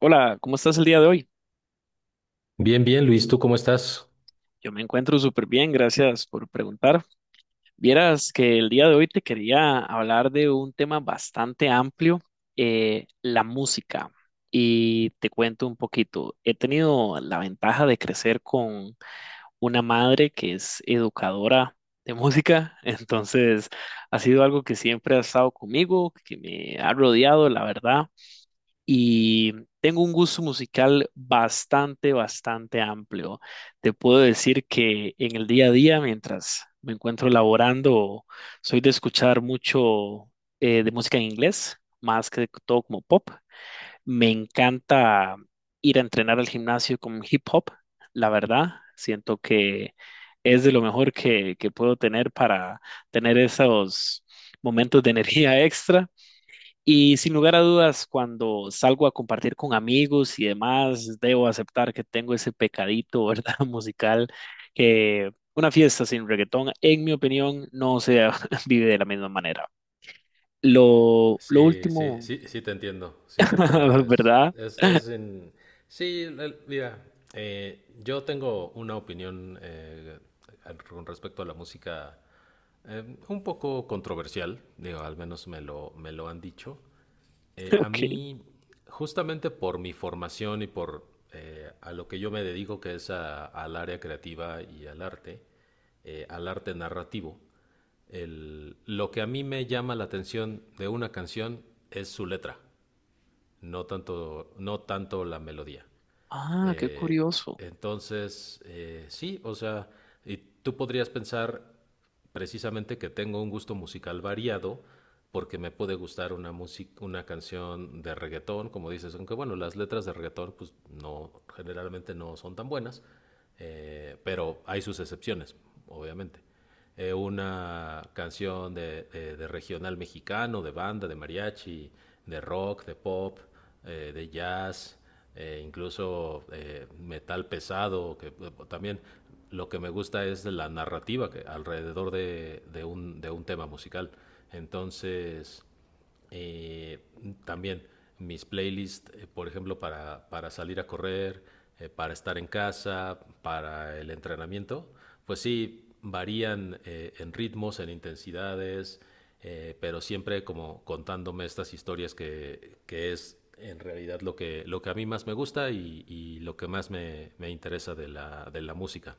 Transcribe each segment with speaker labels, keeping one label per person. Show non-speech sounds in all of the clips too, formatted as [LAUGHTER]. Speaker 1: Hola, ¿cómo estás el día de hoy?
Speaker 2: Bien, bien, Luis, ¿tú cómo estás?
Speaker 1: Yo me encuentro súper bien, gracias por preguntar. Vieras que el día de hoy te quería hablar de un tema bastante amplio, la música. Y te cuento un poquito. He tenido la ventaja de crecer con una madre que es educadora de música, [LAUGHS] entonces ha sido algo que siempre ha estado conmigo, que me ha rodeado, la verdad. Y tengo un gusto musical bastante amplio. Te puedo decir que en el día a día, mientras me encuentro laborando, soy de escuchar mucho de música en inglés, más que todo como pop. Me encanta ir a entrenar al gimnasio con hip hop, la verdad. Siento que es de lo mejor que puedo tener para tener esos momentos de [LAUGHS] energía extra. Y sin lugar a dudas, cuando salgo a compartir con amigos y demás, debo aceptar que tengo ese pecadito, [LAUGHS] ¿verdad? Musical, que una fiesta sin reggaetón, en mi opinión, no se [LAUGHS] vive de la misma manera. Lo
Speaker 2: Sí, sí,
Speaker 1: último,
Speaker 2: sí, sí te entiendo, sí te entiendo.
Speaker 1: [LAUGHS]
Speaker 2: Es,
Speaker 1: ¿verdad?
Speaker 2: es, es en... Sí, mira, yo tengo una opinión con respecto a la música un poco controversial, digo, al menos me lo han dicho.
Speaker 1: [LAUGHS]
Speaker 2: A
Speaker 1: Ok.
Speaker 2: mí, justamente por mi formación y por a lo que yo me dedico, que es al área creativa y al arte narrativo, lo que a mí me llama la atención de una canción es su letra, no tanto, no tanto la melodía.
Speaker 1: Ah, qué
Speaker 2: Eh,
Speaker 1: curioso.
Speaker 2: entonces, sí, o sea, y tú podrías pensar precisamente que tengo un gusto musical variado porque me puede gustar una música, una canción de reggaetón, como dices, aunque bueno, las letras de reggaetón pues no, generalmente no son tan buenas, pero hay sus excepciones, obviamente una canción de regional mexicano, de banda, de mariachi, de rock, de pop, de jazz, incluso metal pesado, que también lo que me gusta es la narrativa que alrededor de un tema musical. Entonces, eh, también mis playlists, por ejemplo, para salir a correr, para estar en casa, para el entrenamiento, pues sí, varían en ritmos, en intensidades, pero siempre como contándome estas historias que es en realidad lo que a mí más me gusta y lo que más me interesa de la música.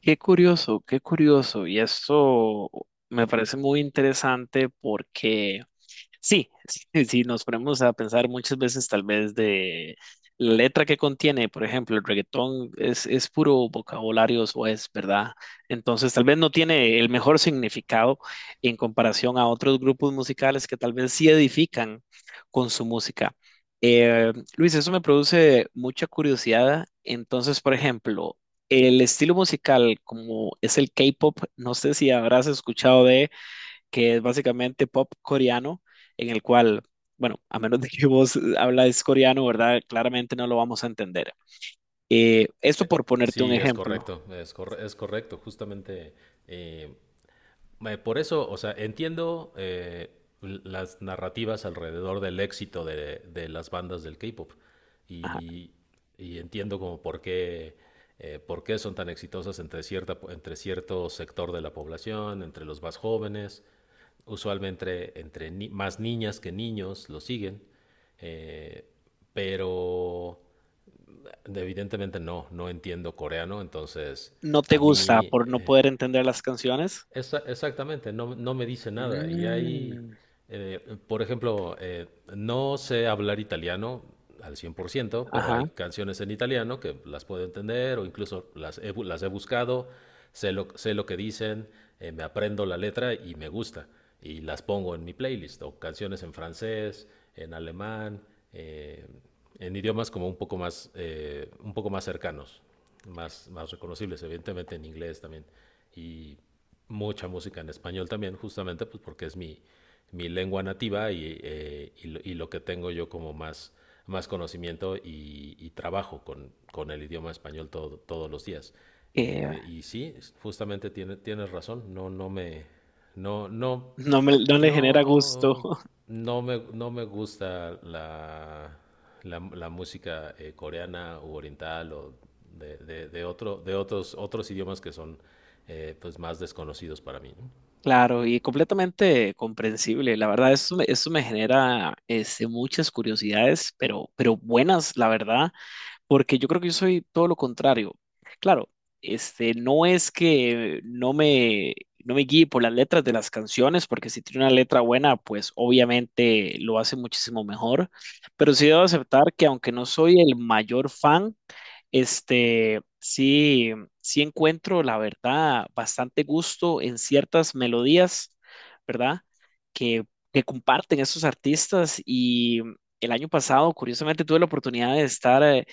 Speaker 1: Qué curioso, qué curioso. Y esto me parece muy interesante porque sí, [LAUGHS] sí, si nos ponemos a pensar muchas veces tal vez de la letra que contiene, por ejemplo, el reggaetón es puro vocabulario es, ¿verdad? Entonces tal vez no tiene el mejor significado en comparación a otros grupos musicales que tal vez sí edifican con su música. Luis, eso me produce mucha curiosidad. Entonces, por ejemplo, el estilo musical, como es el K-pop, no sé si habrás escuchado de que es básicamente pop coreano, en el cual, bueno, a menos de que [LAUGHS] vos hablas coreano, ¿verdad? Claramente no lo vamos a entender. Esto por ponerte un
Speaker 2: Sí, es
Speaker 1: ejemplo.
Speaker 2: correcto, es, es correcto. Justamente eh, Por eso, o sea, entiendo las narrativas alrededor del éxito de las bandas del K-pop
Speaker 1: Ajá.
Speaker 2: y, y entiendo como por qué son tan exitosas entre, cierta, entre cierto sector de la población, entre los más jóvenes, usualmente entre, más niñas que niños lo siguen, eh, pero evidentemente no, no entiendo coreano, entonces
Speaker 1: ¿No te
Speaker 2: a
Speaker 1: gusta
Speaker 2: mí
Speaker 1: por no poder entender las canciones?
Speaker 2: exactamente, no, no me dice nada. Y hay,
Speaker 1: Mm,
Speaker 2: por ejemplo, no sé hablar italiano al 100%, pero hay
Speaker 1: ajá.
Speaker 2: canciones en italiano que las puedo entender o incluso las he buscado, sé lo que dicen, me aprendo la letra y me gusta. Y las pongo en mi playlist, o canciones en francés, en alemán, eh, en idiomas como un poco más cercanos, más, más reconocibles, evidentemente en inglés también mucha música en español también, justamente pues porque es mi, mi lengua nativa y lo que tengo yo como más, más conocimiento y trabajo con el idioma español todos los días.
Speaker 1: eh,
Speaker 2: Y sí, justamente tienes razón, no, no,
Speaker 1: no le genera gusto.
Speaker 2: no, no me, no me gusta la, la, la música coreana u oriental o de, de otro, de otros, otros idiomas que son pues más desconocidos para mí, ¿no?
Speaker 1: Claro, y completamente comprensible. La verdad, eso me genera este, muchas curiosidades, pero buenas, la verdad porque yo creo que yo soy todo lo contrario. Claro, este, no es que no me, no me guíe por las letras de las canciones, porque si tiene una letra buena, pues obviamente lo hace muchísimo mejor, pero sí debo aceptar que aunque no soy el mayor fan, este, sí, sí encuentro, la verdad, bastante gusto en ciertas melodías, ¿verdad? Que, que comparten esos artistas y el año pasado, curiosamente, tuve la oportunidad de estar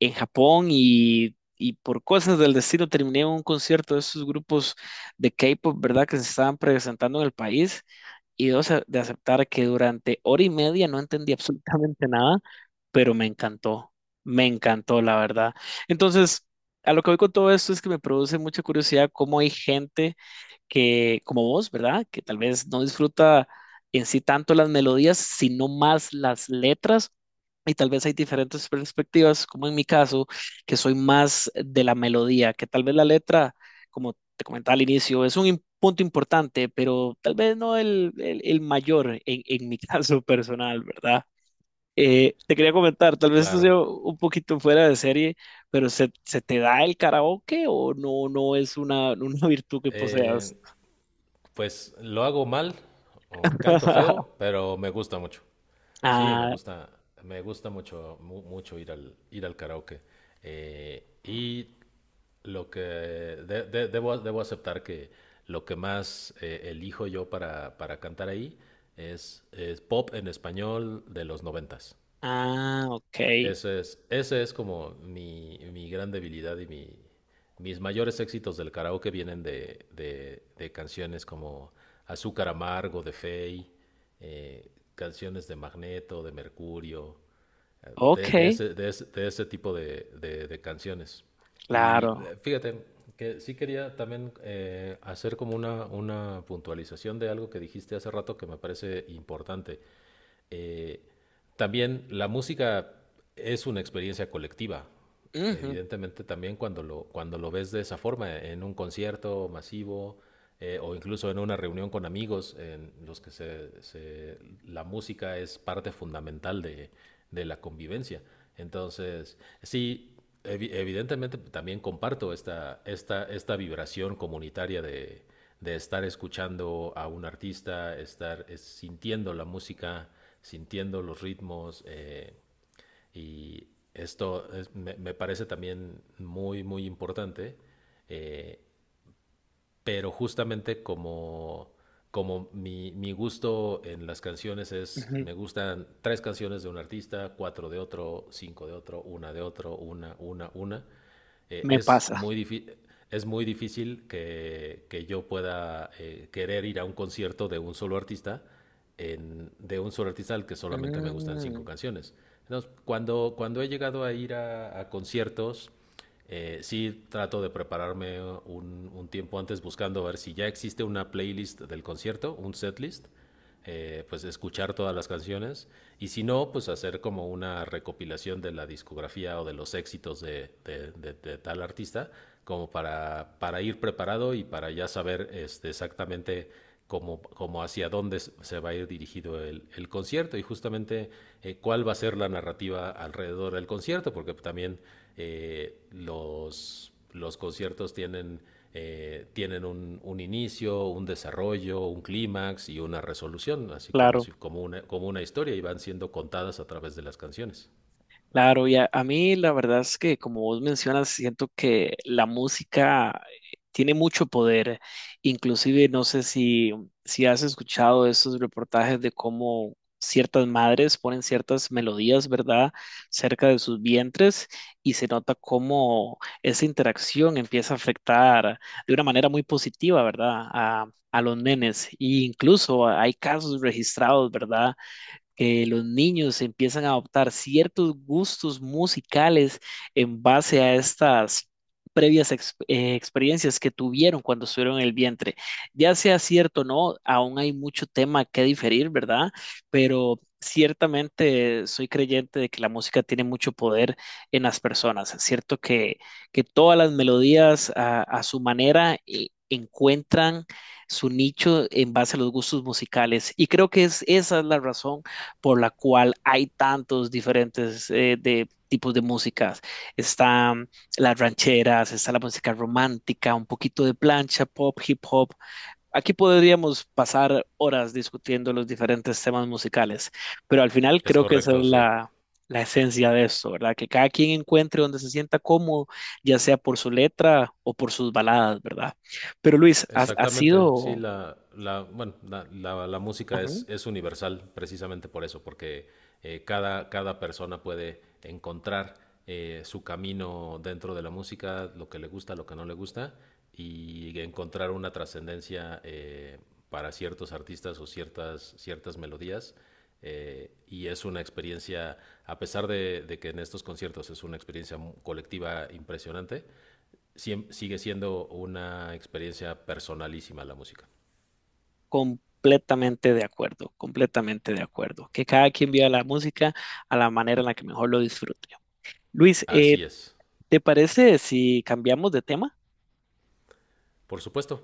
Speaker 1: en Japón y por cosas del destino terminé en un concierto de esos grupos de K-pop, ¿verdad? Que se estaban presentando en el país y dos, de aceptar que durante hora y media no entendí absolutamente nada, pero me encantó, la verdad. Entonces, a lo que voy con todo esto es que me produce mucha curiosidad cómo hay gente que, como vos, ¿verdad? Que tal vez no disfruta en sí tanto las melodías, sino más las letras. Y tal vez hay diferentes perspectivas, como en mi caso, que soy más de la melodía, que tal vez la letra, como te comentaba al inicio, es un punto importante, pero tal vez no el mayor en mi [LAUGHS] caso personal, ¿verdad? Te quería comentar, tal vez esto
Speaker 2: Claro.
Speaker 1: sea un poquito fuera de serie, pero se te da el karaoke o no, no es una, [LAUGHS] una virtud que
Speaker 2: Eh,
Speaker 1: poseas?
Speaker 2: Pues lo hago mal o canto feo,
Speaker 1: [LAUGHS]
Speaker 2: pero me gusta mucho. Sí,
Speaker 1: Ah,
Speaker 2: me gusta mucho, mucho ir al karaoke. Y lo que debo aceptar que lo que más elijo yo para cantar ahí es pop en español de los 90s.
Speaker 1: ah, ok.
Speaker 2: Ese es como mi gran debilidad y mi, mis mayores éxitos del karaoke vienen de canciones como Azúcar Amargo de Fey, canciones de Magneto, de Mercurio,
Speaker 1: Ok,
Speaker 2: de ese, de ese tipo de canciones. Y
Speaker 1: claro.
Speaker 2: fíjate que sí quería también hacer como una puntualización de algo que dijiste hace rato que me parece importante. Eh, También la música es una experiencia colectiva.
Speaker 1: Ujú,
Speaker 2: Evidentemente también cuando lo ves de esa forma, en un concierto masivo o incluso en una reunión con amigos en los que se, la música es parte fundamental de la convivencia. Entonces, sí, evidentemente también comparto esta, esta, esta vibración comunitaria de estar escuchando a un artista, estar sintiendo la música, sintiendo los ritmos y me, me parece también muy, muy importante eh, pero justamente como, como mi gusto en las canciones es,
Speaker 1: ujú.
Speaker 2: me gustan 3 canciones de un artista, 4 de otro, 5 de otro, una de otro, una,
Speaker 1: Me
Speaker 2: es
Speaker 1: pasa.
Speaker 2: muy difícil. Es muy difícil que yo pueda querer ir a un concierto de un solo artista, de un solo artista al que solamente me gustan cinco
Speaker 1: Mm,
Speaker 2: canciones. Entonces, cuando, cuando he llegado a ir a conciertos sí trato de prepararme un, tiempo antes buscando ver si ya existe una playlist del concierto, un setlist, pues escuchar todas las canciones y si no, pues hacer como una recopilación de la discografía o de los éxitos de tal artista, como para ir preparado y para ya saber este, exactamente como, como hacia dónde se va a ir dirigido el concierto y justamente cuál va a ser la narrativa alrededor del concierto, porque también los conciertos tienen, tienen un, inicio, un desarrollo, un clímax y una resolución, así como,
Speaker 1: claro.
Speaker 2: si, como una historia y van siendo contadas a través de las canciones.
Speaker 1: Claro, y a mí la verdad es que como vos mencionas, siento que la música tiene mucho poder. Inclusive no sé si, si has escuchado esos reportajes de cómo ciertas madres ponen ciertas melodías, ¿verdad?, cerca de sus vientres y se nota cómo esa interacción empieza a afectar de una manera muy positiva, ¿verdad?, a los nenes. E incluso hay casos registrados, ¿verdad?, que los niños empiezan a adoptar ciertos gustos musicales en base a estas previas experiencias que tuvieron cuando estuvieron en el vientre. Ya sea cierto o no, aún hay mucho tema que diferir, ¿verdad? Pero ciertamente soy creyente de que la música tiene mucho poder en las personas. Es cierto que todas las melodías a su manera encuentran su nicho en base a los gustos musicales y creo que es, esa es la razón por la cual hay tantos diferentes de tipos de músicas. Están las rancheras, está la música romántica, un poquito de plancha, pop, hip hop. Aquí podríamos pasar horas discutiendo los diferentes temas musicales, pero al final
Speaker 2: Es
Speaker 1: creo que esa
Speaker 2: correcto,
Speaker 1: es
Speaker 2: sí.
Speaker 1: la esencia de esto, ¿verdad? Que cada quien encuentre donde se sienta cómodo, ya sea por su letra o por sus baladas, ¿verdad? Pero Luis, ha, ha
Speaker 2: Exactamente, sí,
Speaker 1: sido...
Speaker 2: la, bueno, la, la música
Speaker 1: ajá.
Speaker 2: es universal precisamente por eso, porque cada, cada persona puede encontrar su camino dentro de la música, lo que le gusta, lo que no le gusta, y encontrar una trascendencia para ciertos artistas o ciertas, ciertas melodías. Y es una experiencia, a pesar de que en estos conciertos es una experiencia colectiva impresionante, sigue siendo una experiencia personalísima la música.
Speaker 1: Completamente de acuerdo, completamente de acuerdo. Que cada quien viva la música a la manera en la que mejor lo disfrute. Luis,
Speaker 2: Así es.
Speaker 1: ¿te parece si cambiamos de tema?
Speaker 2: Por supuesto,